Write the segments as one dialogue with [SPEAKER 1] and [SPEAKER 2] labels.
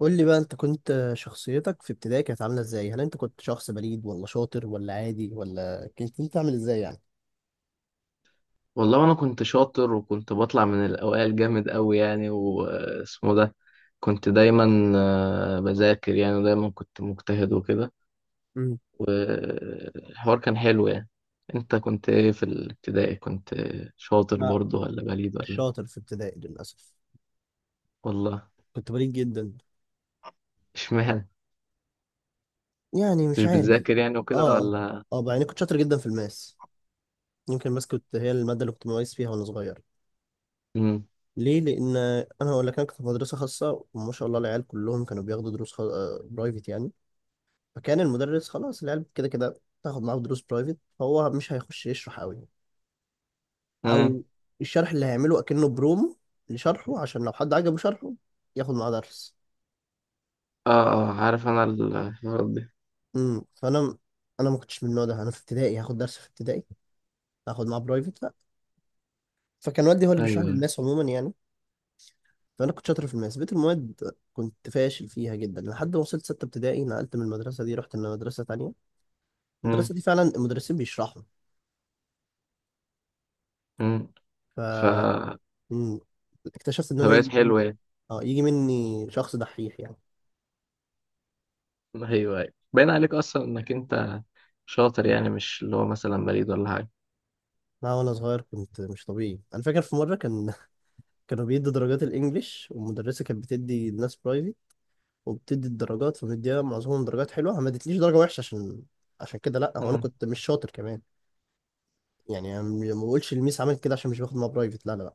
[SPEAKER 1] قول لي بقى انت كنت شخصيتك في ابتدائي كانت عامله ازاي؟ هل انت كنت شخص بليد ولا شاطر ولا عادي، ولا كنت انت عامل ازاي يعني؟
[SPEAKER 2] والله انا كنت شاطر وكنت بطلع من الاوائل جامد قوي يعني واسمه ده. كنت دايما بذاكر يعني، ودايما كنت مجتهد وكده.
[SPEAKER 1] امم.
[SPEAKER 2] والحوار كان حلو يعني. انت كنت ايه في الابتدائي؟ كنت شاطر
[SPEAKER 1] لا،
[SPEAKER 2] برضه ولا بليد
[SPEAKER 1] مش
[SPEAKER 2] ولا إيه؟
[SPEAKER 1] شاطر في ابتدائي للاسف.
[SPEAKER 2] والله.
[SPEAKER 1] كنت بليد جدا.
[SPEAKER 2] اشمعنى؟ كنتش
[SPEAKER 1] مش عارف.
[SPEAKER 2] بتذاكر يعني وكده
[SPEAKER 1] اه اه.
[SPEAKER 2] ولا؟
[SPEAKER 1] اه بقى، يعني كنت شاطر جدا في الماس. يمكن الماس كنت هي الماده اللي كنت مميز فيها وانا صغير.
[SPEAKER 2] امم
[SPEAKER 1] ليه؟ لان انا هقول لك، انا كنت في مدرسه خاصه وما شاء الله العيال كلهم كانوا بياخدوا دروس خ... آه، برايفت يعني. فكان المدرس خلاص، العيال كده كده تاخد معاه دروس برايفت، فهو مش هيخش يشرح قوي.
[SPEAKER 2] امم
[SPEAKER 1] او الشرح اللي هيعمله اكنه برومو لشرحه، عشان لو حد عجبه شرحه ياخد معاه درس.
[SPEAKER 2] اه اه، عارف انا الحوارات دي.
[SPEAKER 1] امم، فانا، انا ما كنتش من النوع ده. انا في ابتدائي هاخد درس؟ في ابتدائي هاخد معاه برايفت؟ لا. فكان والدي هو اللي بيشرح لي
[SPEAKER 2] ايوه.
[SPEAKER 1] الماس عموما يعني. فانا كنت شاطر في الماس، بقيت المواد كنت فاشل فيها جدا لحد ما وصلت سته ابتدائي، نقلت من المدرسه دي، رحت لمدرسه تانية.
[SPEAKER 2] امم.
[SPEAKER 1] المدرسه دي فعلا المدرسين بيشرحوا.
[SPEAKER 2] امم.
[SPEAKER 1] ف
[SPEAKER 2] ف
[SPEAKER 1] مم، اكتشفت ان انا
[SPEAKER 2] فبقت
[SPEAKER 1] يجي،
[SPEAKER 2] حلوة يعني.
[SPEAKER 1] اه، يجي مني شخص دحيح يعني.
[SPEAKER 2] ايوه ايوه، باين عليك اصلا انك انت شاطر يعني، مش اللي هو مثلا بليد ولا حاجه.
[SPEAKER 1] لا وانا صغير كنت مش طبيعي. انا فاكر في مره كان، كانوا بيدوا درجات الانجليش، والمدرسه كانت بتدي الناس برايفي وبتدي الدرجات، فمديها معظمهم درجات حلوه، ما ادتليش درجه وحشه عشان، عشان كده، لا هو انا
[SPEAKER 2] مم.
[SPEAKER 1] كنت مش شاطر كمان. يعني ما بقولش الميس عملت كده عشان مش باخد معاها برايفت، لا لا لا.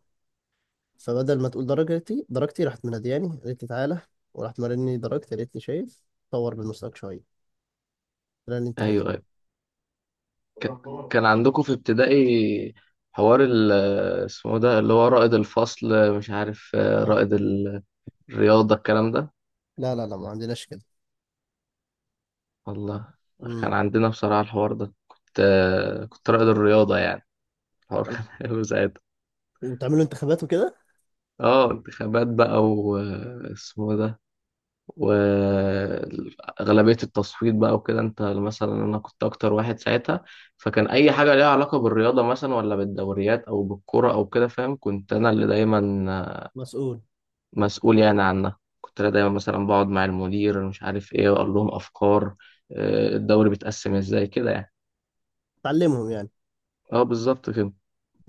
[SPEAKER 1] فبدل ما تقول درجتي، درجتي راحت منادياني قالت لي تعالى، وراحت مرني درجتي قالت لي شايف، طور من مستواك شويه، ده اللي انت عايزه.
[SPEAKER 2] ايوه ايوه. كان عندكم في ابتدائي حوار اسمه ده اللي هو رائد الفصل، مش عارف،
[SPEAKER 1] لا
[SPEAKER 2] رائد الرياضه، الكلام ده؟
[SPEAKER 1] لا لا لا، ما عندناش كده.
[SPEAKER 2] والله كان
[SPEAKER 1] امم.
[SPEAKER 2] عندنا بصراحه الحوار ده، كنت رائد الرياضه يعني. الحوار كان حلو ساعتها.
[SPEAKER 1] وتعملوا انتخابات وكده؟
[SPEAKER 2] اه انتخابات بقى واسمه ده، وأغلبية التصويت بقى وكده. أنت مثلا، أنا كنت أكتر واحد ساعتها، فكان أي حاجة ليها علاقة بالرياضة مثلا، ولا بالدوريات أو بالكرة أو كده، فاهم؟ كنت أنا اللي دايما
[SPEAKER 1] مسؤول.
[SPEAKER 2] مسؤول يعني عنها. كنت أنا دايما مثلا بقعد مع المدير، مش عارف إيه، وأقول لهم أفكار، الدوري بيتقسم إزاي كده يعني.
[SPEAKER 1] تعلمهم يعني.
[SPEAKER 2] أه بالظبط كده.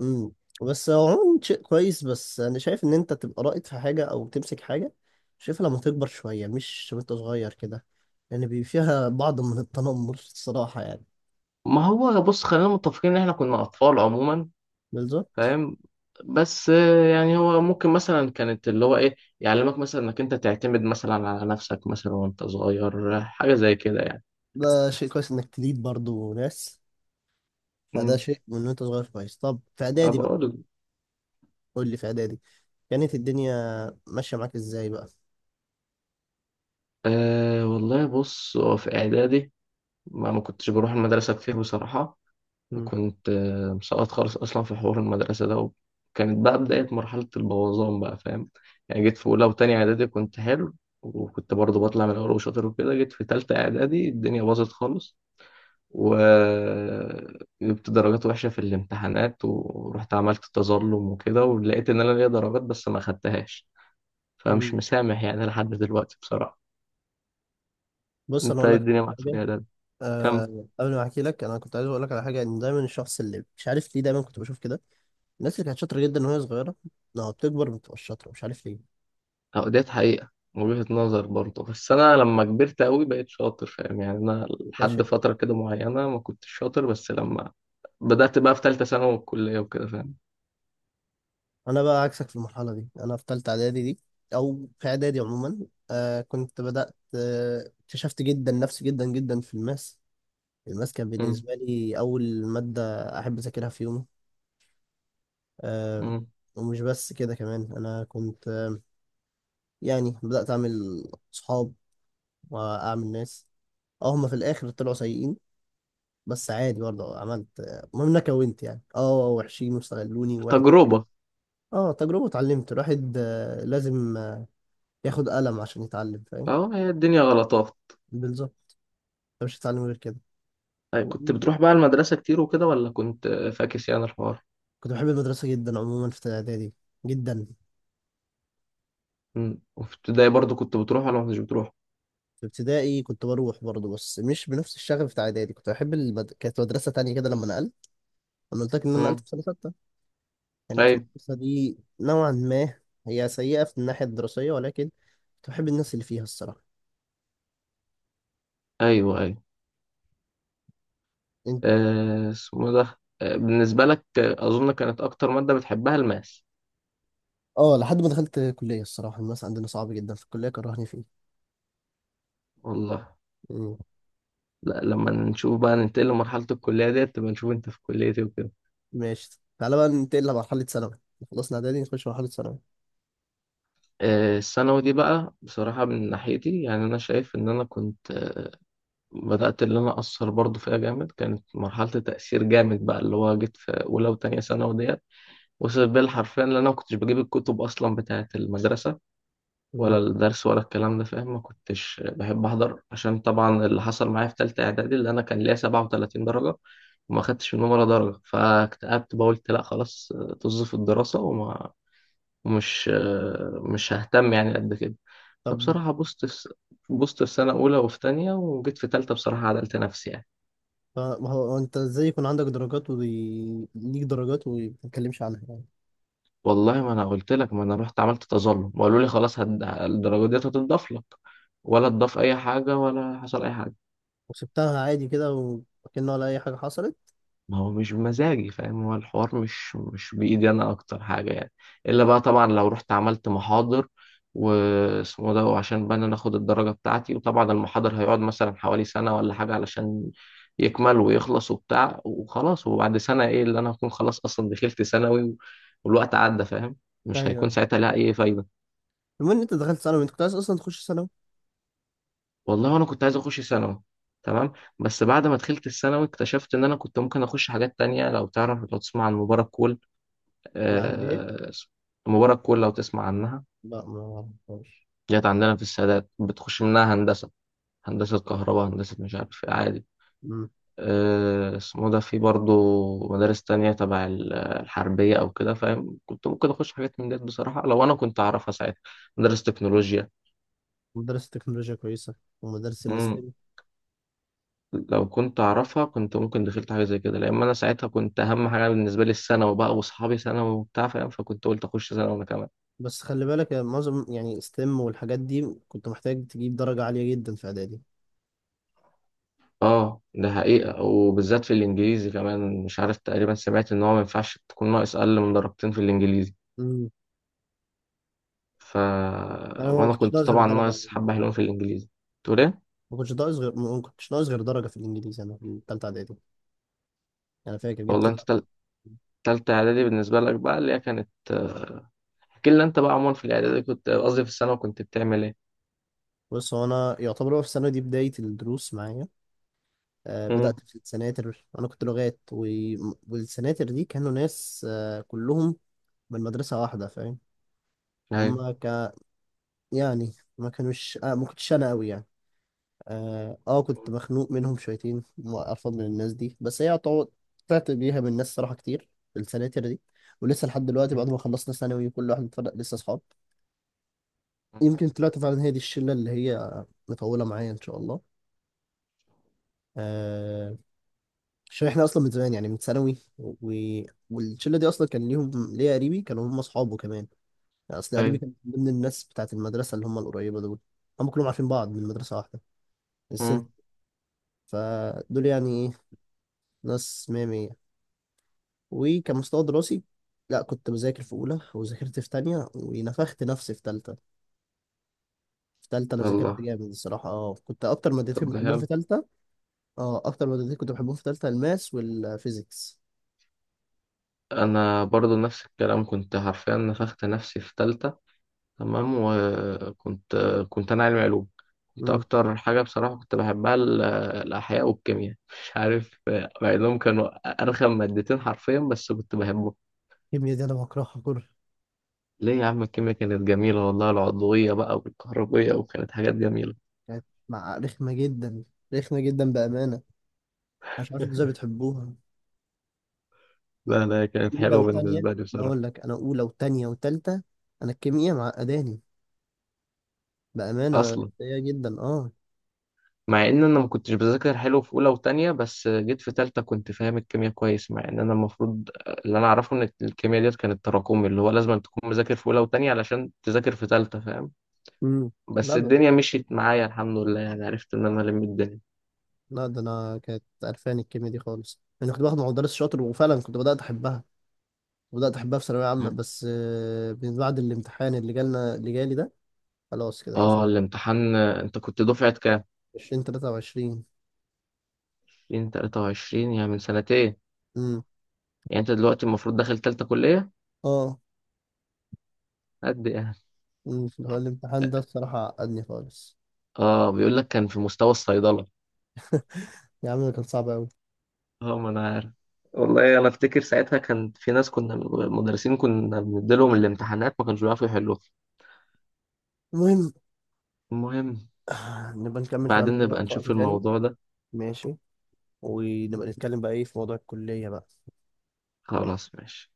[SPEAKER 1] امم. بس هو عموما شيء كويس، بس انا شايف ان انت تبقى رائد في حاجه او تمسك حاجه، شايفها لما تكبر شويه، مش وانت صغير كده، لان يعني بيبقى فيها بعض من التنمر الصراحه يعني.
[SPEAKER 2] ما هو بص، خلينا متفقين إن إحنا كنا أطفال عموما،
[SPEAKER 1] بالظبط.
[SPEAKER 2] فاهم؟ بس يعني هو ممكن مثلا كانت اللي هو ايه، يعلمك مثلا انك انت تعتمد مثلا على نفسك مثلا وانت صغير، حاجة زي كده يعني.
[SPEAKER 1] ده شيء كويس انك تليد برضو ناس، فده
[SPEAKER 2] امم
[SPEAKER 1] شيء من وانت صغير كويس. طب في
[SPEAKER 2] ما
[SPEAKER 1] اعدادي بقى،
[SPEAKER 2] بقول.
[SPEAKER 1] قول لي في اعدادي كانت الدنيا ماشيه معاك ازاي بقى؟
[SPEAKER 2] أه والله بص، هو في اعدادي ما كنتش بروح المدرسة كتير بصراحة.
[SPEAKER 1] مم.
[SPEAKER 2] وكنت مسقط خالص اصلا في حوار المدرسة ده، وكانت بقى بداية مرحلة البوظان بقى، فاهم؟ يعني جيت في اولى وتانية اعدادي كنت حلو، وكنت برضه بطلع من الاول وشاطر وكده. جيت في تالتة اعدادي الدنيا باظت خالص، وجبت درجات وحشة في الامتحانات، ورحت عملت تظلم وكده، ولقيت إن أنا ليا درجات بس ما خدتهاش. فمش
[SPEAKER 1] مم.
[SPEAKER 2] مسامح يعني لحد دلوقتي بصراحة.
[SPEAKER 1] بص انا
[SPEAKER 2] أنت
[SPEAKER 1] اقول
[SPEAKER 2] إيه
[SPEAKER 1] لك
[SPEAKER 2] الدنيا معاك في
[SPEAKER 1] حاجه.
[SPEAKER 2] الإعداد؟ كم؟
[SPEAKER 1] أه قبل ما احكي لك، انا كنت عايز اقول لك على حاجه، ان دايما الشخص اللي، مش عارف ليه دايما كنت بشوف كده، الناس اللي كانت شاطرة جدا وهي صغيرة لما بتكبر ما بتبقاش شاطرة، مش عارف ليه.
[SPEAKER 2] أو ديت حقيقة وجهة نظر برضه، بس أنا لما كبرت أوي بقيت شاطر، فاهم يعني؟ أنا
[SPEAKER 1] ده
[SPEAKER 2] لحد
[SPEAKER 1] شيء.
[SPEAKER 2] فترة كده معينة ما كنتش شاطر، بس لما بدأت بقى في تالتة ثانوي والكلية وكده، فاهم؟
[SPEAKER 1] أنا بقى عكسك في المرحلة دي. أنا في تالتة إعدادي دي، أو في إعدادي عموما، آه كنت بدأت، اكتشفت جدا نفسي جدا جدا في الماس. الماس كان
[SPEAKER 2] أمم.
[SPEAKER 1] بالنسبة لي أول مادة أحب أذاكرها في يومي. آه.
[SPEAKER 2] أمم.
[SPEAKER 1] ومش بس كده كمان، أنا كنت يعني بدأت أعمل صحاب وأعمل ناس. أه هما في الآخر طلعوا سيئين، بس عادي. برضه عملت المهم إن أنا كونت يعني، أه، وحشين، واستغلوني وواحد.
[SPEAKER 2] تجربة.
[SPEAKER 1] اه تجربة. اتعلمت. الواحد لازم ياخد قلم عشان يتعلم، فاهم.
[SPEAKER 2] أهو، هي الدنيا غلطات.
[SPEAKER 1] بالظبط، انت مش هتتعلم غير كده.
[SPEAKER 2] أي كنت بتروح بقى المدرسة كتير وكده، ولا كنت فاكس يعني الحوار؟
[SPEAKER 1] كنت بحب المدرسة جدا عموما في إعدادي، جدا.
[SPEAKER 2] مم. وفي ابتدائي برضو كنت بتروح ولا ما كنتش بتروح؟
[SPEAKER 1] في ابتدائي كنت بروح برضه بس مش بنفس الشغف بتاع إعدادي. كانت مدرسة تانية كده لما نقلت. أنا قلت لك إن أنا نقلت
[SPEAKER 2] مم.
[SPEAKER 1] في سنة ستة. كانت
[SPEAKER 2] أيوة
[SPEAKER 1] المدرسة دي نوعا ما هي سيئة في الناحية الدراسية، ولكن كنت بحب الناس اللي فيها الصراحة.
[SPEAKER 2] أيوة أيوة.
[SPEAKER 1] إنت-
[SPEAKER 2] اسمه ده، بالنسبة لك، أظن كانت أكتر مادة بتحبها الماس.
[SPEAKER 1] اه لحد ما دخلت كلية. الصراحة الناس عندنا صعب جدا في الكلية، كرهني
[SPEAKER 2] والله.
[SPEAKER 1] فيه.
[SPEAKER 2] لا، لما نشوف بقى ننتقل لمرحلة الكلية ديت، تبقى نشوف أنت في كلية إيه وكده.
[SPEAKER 1] ماشي تعالى بقى ننتقل لمرحلة ثانوي، خلصنا إعدادي نخش مرحلة ثانوي.
[SPEAKER 2] الثانوي دي بقى، بصراحة من ناحيتي يعني أنا شايف إن أنا كنت بدأت اللي أنا أثر برضو فيها جامد. كانت مرحلة تأثير جامد بقى، اللي هو جيت في أولى وتانية ثانوي ديت وصل بالحرفيا، لان انا ما كنتش بجيب الكتب اصلا بتاعه المدرسه،
[SPEAKER 1] مم.
[SPEAKER 2] ولا الدرس ولا الكلام ده، فاهم؟ ما كنتش بحب احضر عشان طبعا اللي حصل معايا في ثالثه اعدادي، اللي انا كان ليا 37 درجه وما خدتش منهم ولا درجه، فاكتئبت بقى قلت لا خلاص، طز في الدراسه، وما ومش مش ههتم يعني قد كده.
[SPEAKER 1] طب
[SPEAKER 2] فبصراحه بوظت في سنه اولى وفي تانية، وجيت في ثالثه بصراحه عدلت نفسي يعني.
[SPEAKER 1] ما هو هو، أنت إزاي يكون عندك درجات وليك درجات وما تتكلمش عنها يعني؟
[SPEAKER 2] والله ما انا قلت لك، ما انا رحت عملت تظلم وقالوا لي خلاص، الدرجه ديت هتضاف لك. ولا تضاف اي حاجه، ولا حصل اي حاجه.
[SPEAKER 1] وسبتها عادي كده، وكأنه ولا أي حاجة حصلت.
[SPEAKER 2] ما هو مش بمزاجي، فاهم؟ هو الحوار مش بايدي انا، اكتر حاجه يعني. الا بقى طبعا لو رحت عملت محاضر واسمه ده، وعشان بقى إن انا اخد الدرجه بتاعتي. وطبعا المحاضر هيقعد مثلا حوالي سنه ولا حاجه علشان يكمل ويخلص وبتاع وخلاص، وبعد سنه ايه اللي انا هكون؟ خلاص اصلا دخلت ثانوي والوقت عدى، فاهم؟
[SPEAKER 1] أيوه،
[SPEAKER 2] مش هيكون
[SPEAKER 1] أيوة.
[SPEAKER 2] ساعتها لها اي فايده.
[SPEAKER 1] المهم إن أنت دخلت ثانوي، أنت كنت عايز أصلا تخش ثانوي؟
[SPEAKER 2] والله انا كنت عايز اخش ثانوي، تمام. بس بعد ما دخلت الثانوي اكتشفت ان انا كنت ممكن اخش حاجات تانية. لو تعرف، لو تسمع عن مباراة كول؟
[SPEAKER 1] يعني إيه؟
[SPEAKER 2] آه، مباراة كول، لو تسمع عنها.
[SPEAKER 1] لا، ما أعرفهاش.
[SPEAKER 2] جت عندنا في السادات، بتخش منها هندسة، هندسة كهرباء، هندسة مش عارف إيه، عادي.
[SPEAKER 1] مم.
[SPEAKER 2] آه اسمه ده، في برضه مدارس تانية تبع الحربية أو كده، فاهم؟ كنت ممكن أخش حاجات من ديت بصراحة لو أنا كنت أعرفها ساعتها. مدارس تكنولوجيا،
[SPEAKER 1] مدرسة تكنولوجيا كويسة ومدارس الستيم.
[SPEAKER 2] لو كنت أعرفها كنت ممكن دخلت حاجة زي كده، لأن أنا ساعتها كنت أهم حاجة بالنسبة لي الثانوي بقى، وأصحابي ثانوي وبتاع، فاهم؟ فكنت قلت أخش ثانوي أنا كمان.
[SPEAKER 1] بس خلي بالك يا معظم، يعني ستيم والحاجات دي كنت محتاج تجيب درجة عالية جدا في إعدادي.
[SPEAKER 2] أه ده حقيقة، وبالذات في الإنجليزي كمان. مش عارف، تقريبا سمعت إن هو ما ينفعش تكون ناقص أقل من درجتين في الإنجليزي.
[SPEAKER 1] مم.
[SPEAKER 2] ف
[SPEAKER 1] أنا ما
[SPEAKER 2] وأنا
[SPEAKER 1] كنتش
[SPEAKER 2] كنت
[SPEAKER 1] بظهر
[SPEAKER 2] طبعا
[SPEAKER 1] درجة.
[SPEAKER 2] ناقص حبة حلوين في الإنجليزي. تقول إيه؟
[SPEAKER 1] ما كنتش ناقص غير درجة في الإنجليزي أنا في التالتة إعدادي. أنا فاكر جبت
[SPEAKER 2] والله أنت
[SPEAKER 1] تسعة.
[SPEAKER 2] تالتة إعدادي بالنسبة لك بقى، اللي هي كانت احكي لنا أنت بقى عموما في الإعدادي، كنت قصدي في الثانوي كنت بتعمل إيه؟
[SPEAKER 1] بص هو أنا يعتبر، هو في السنة دي بداية الدروس معايا. آه
[SPEAKER 2] مم.
[SPEAKER 1] بدأت في السناتر، أنا كنت لغات و... والسناتر دي كانوا ناس آه كلهم من مدرسة واحدة، فاهم.
[SPEAKER 2] أيوه
[SPEAKER 1] هما ك... يعني ما كانوش ما كنتش أنا أوي يعني. كنت مخنوق منهم شويتين وأرفض من الناس دي، بس هي يعتبر طلعت بيها من ناس صراحة كتير. في السناتر دي ولسه لحد دلوقتي بعد ما خلصنا ثانوي كل واحد اتفرق، لسه أصحاب. يمكن طلعت فعلا هي دي الشله اللي هي مطوله معايا ان شاء الله. آه. عشان احنا اصلا من زمان يعني من ثانوي و... والشله دي اصلا كان ليهم، ليا قريبي كانوا هم اصحابه كمان. يعني اصل قريبي
[SPEAKER 2] أيوه.
[SPEAKER 1] كان من ضمن الناس بتاعت المدرسه اللي هم القريبه دول، هم كلهم عارفين بعض من مدرسه واحده، السنت.
[SPEAKER 2] مم.
[SPEAKER 1] فدول يعني ايه، ناس مية مية. وكان مستوى دراسي، لا كنت بذاكر في اولى وذاكرت في تانية ونفخت نفسي في تالتة. في تالتة انا ذاكرت
[SPEAKER 2] والله.
[SPEAKER 1] جامد الصراحه. اه كنت اكتر مادتين
[SPEAKER 2] طب ده
[SPEAKER 1] بحبهم
[SPEAKER 2] حلو.
[SPEAKER 1] في تالتة، اه اكتر مادتين كنت بحبهم في ثالثه الماس والفيزيكس.
[SPEAKER 2] انا برضو نفس الكلام، كنت حرفيا نفخت نفسي في تالتة، تمام. وكنت انا علمي علوم. كنت
[SPEAKER 1] امم.
[SPEAKER 2] اكتر حاجة بصراحة كنت بحبها الاحياء والكيمياء. مش عارف، مع انهم كانوا ارخم مادتين حرفيا، بس كنت بحبهم.
[SPEAKER 1] الكيمياء دي انا بكرهها كره.
[SPEAKER 2] ليه يا عم؟ الكيمياء كانت جميلة والله، العضوية بقى والكهربية، وكانت حاجات جميلة.
[SPEAKER 1] كانت مع رخمه جدا، رخمه جدا بامانه. مش عارف انتوا ازاي بتحبوها.
[SPEAKER 2] لا لا، كانت
[SPEAKER 1] اولى
[SPEAKER 2] حلوة
[SPEAKER 1] وثانيه،
[SPEAKER 2] بالنسبة لي
[SPEAKER 1] انا
[SPEAKER 2] بصراحة.
[SPEAKER 1] اقول لك انا اولى وثانيه وثالثه، انا الكيمياء معقداني بامانه،
[SPEAKER 2] اصلا
[SPEAKER 1] سيئه جدا اه.
[SPEAKER 2] مع ان انا ما كنتش بذاكر حلو في اولى وتانية، بس جيت في تالتة كنت فاهم الكيمياء كويس، مع ان انا المفروض، اللي انا اعرفه ان الكيمياء ديت كانت تراكمي، اللي هو لازم تكون مذاكر في اولى وتانية علشان تذاكر في تالتة، فاهم؟
[SPEAKER 1] امم.
[SPEAKER 2] بس
[SPEAKER 1] لا ب-
[SPEAKER 2] الدنيا مشيت معايا الحمد لله يعني، عرفت ان انا الم الدنيا.
[SPEAKER 1] لا ده انا كانت قرفاني الكيمياء دي خالص. انا كنت باخد مع مدرس شاطر وفعلا كنت بدات احبها، بدات احبها في ثانويه عامه،
[SPEAKER 2] مم.
[SPEAKER 1] بس من بعد الامتحان اللي جالنا اللي جالي ده، خلاص كده قفلت.
[SPEAKER 2] اه الامتحان. انت كنت دفعة كام؟
[SPEAKER 1] 2023.
[SPEAKER 2] 2023، يعني من سنتين. يعني انت دلوقتي المفروض داخل تالتة كلية
[SPEAKER 1] اه
[SPEAKER 2] قد؟ يعني.
[SPEAKER 1] اللي هو الامتحان ده الصراحة عقدني خالص.
[SPEAKER 2] اه بيقول لك كان في مستوى الصيدلة.
[SPEAKER 1] يا عم ده كان صعب أوي.
[SPEAKER 2] اه ما انا عارف. والله انا افتكر ساعتها كان في ناس كنا، مدرسين كنا بنديلهم الامتحانات ما كانوش بيعرفوا يحلوها.
[SPEAKER 1] المهم.
[SPEAKER 2] المهم.
[SPEAKER 1] نبقى نكمل
[SPEAKER 2] بعدين
[SPEAKER 1] كلامنا ده
[SPEAKER 2] نبقى
[SPEAKER 1] في وقت
[SPEAKER 2] نشوف
[SPEAKER 1] تاني.
[SPEAKER 2] الموضوع ده.
[SPEAKER 1] ماشي، ونبقى نتكلم بقى ايه في موضوع الكلية بقى.
[SPEAKER 2] خلاص ماشي.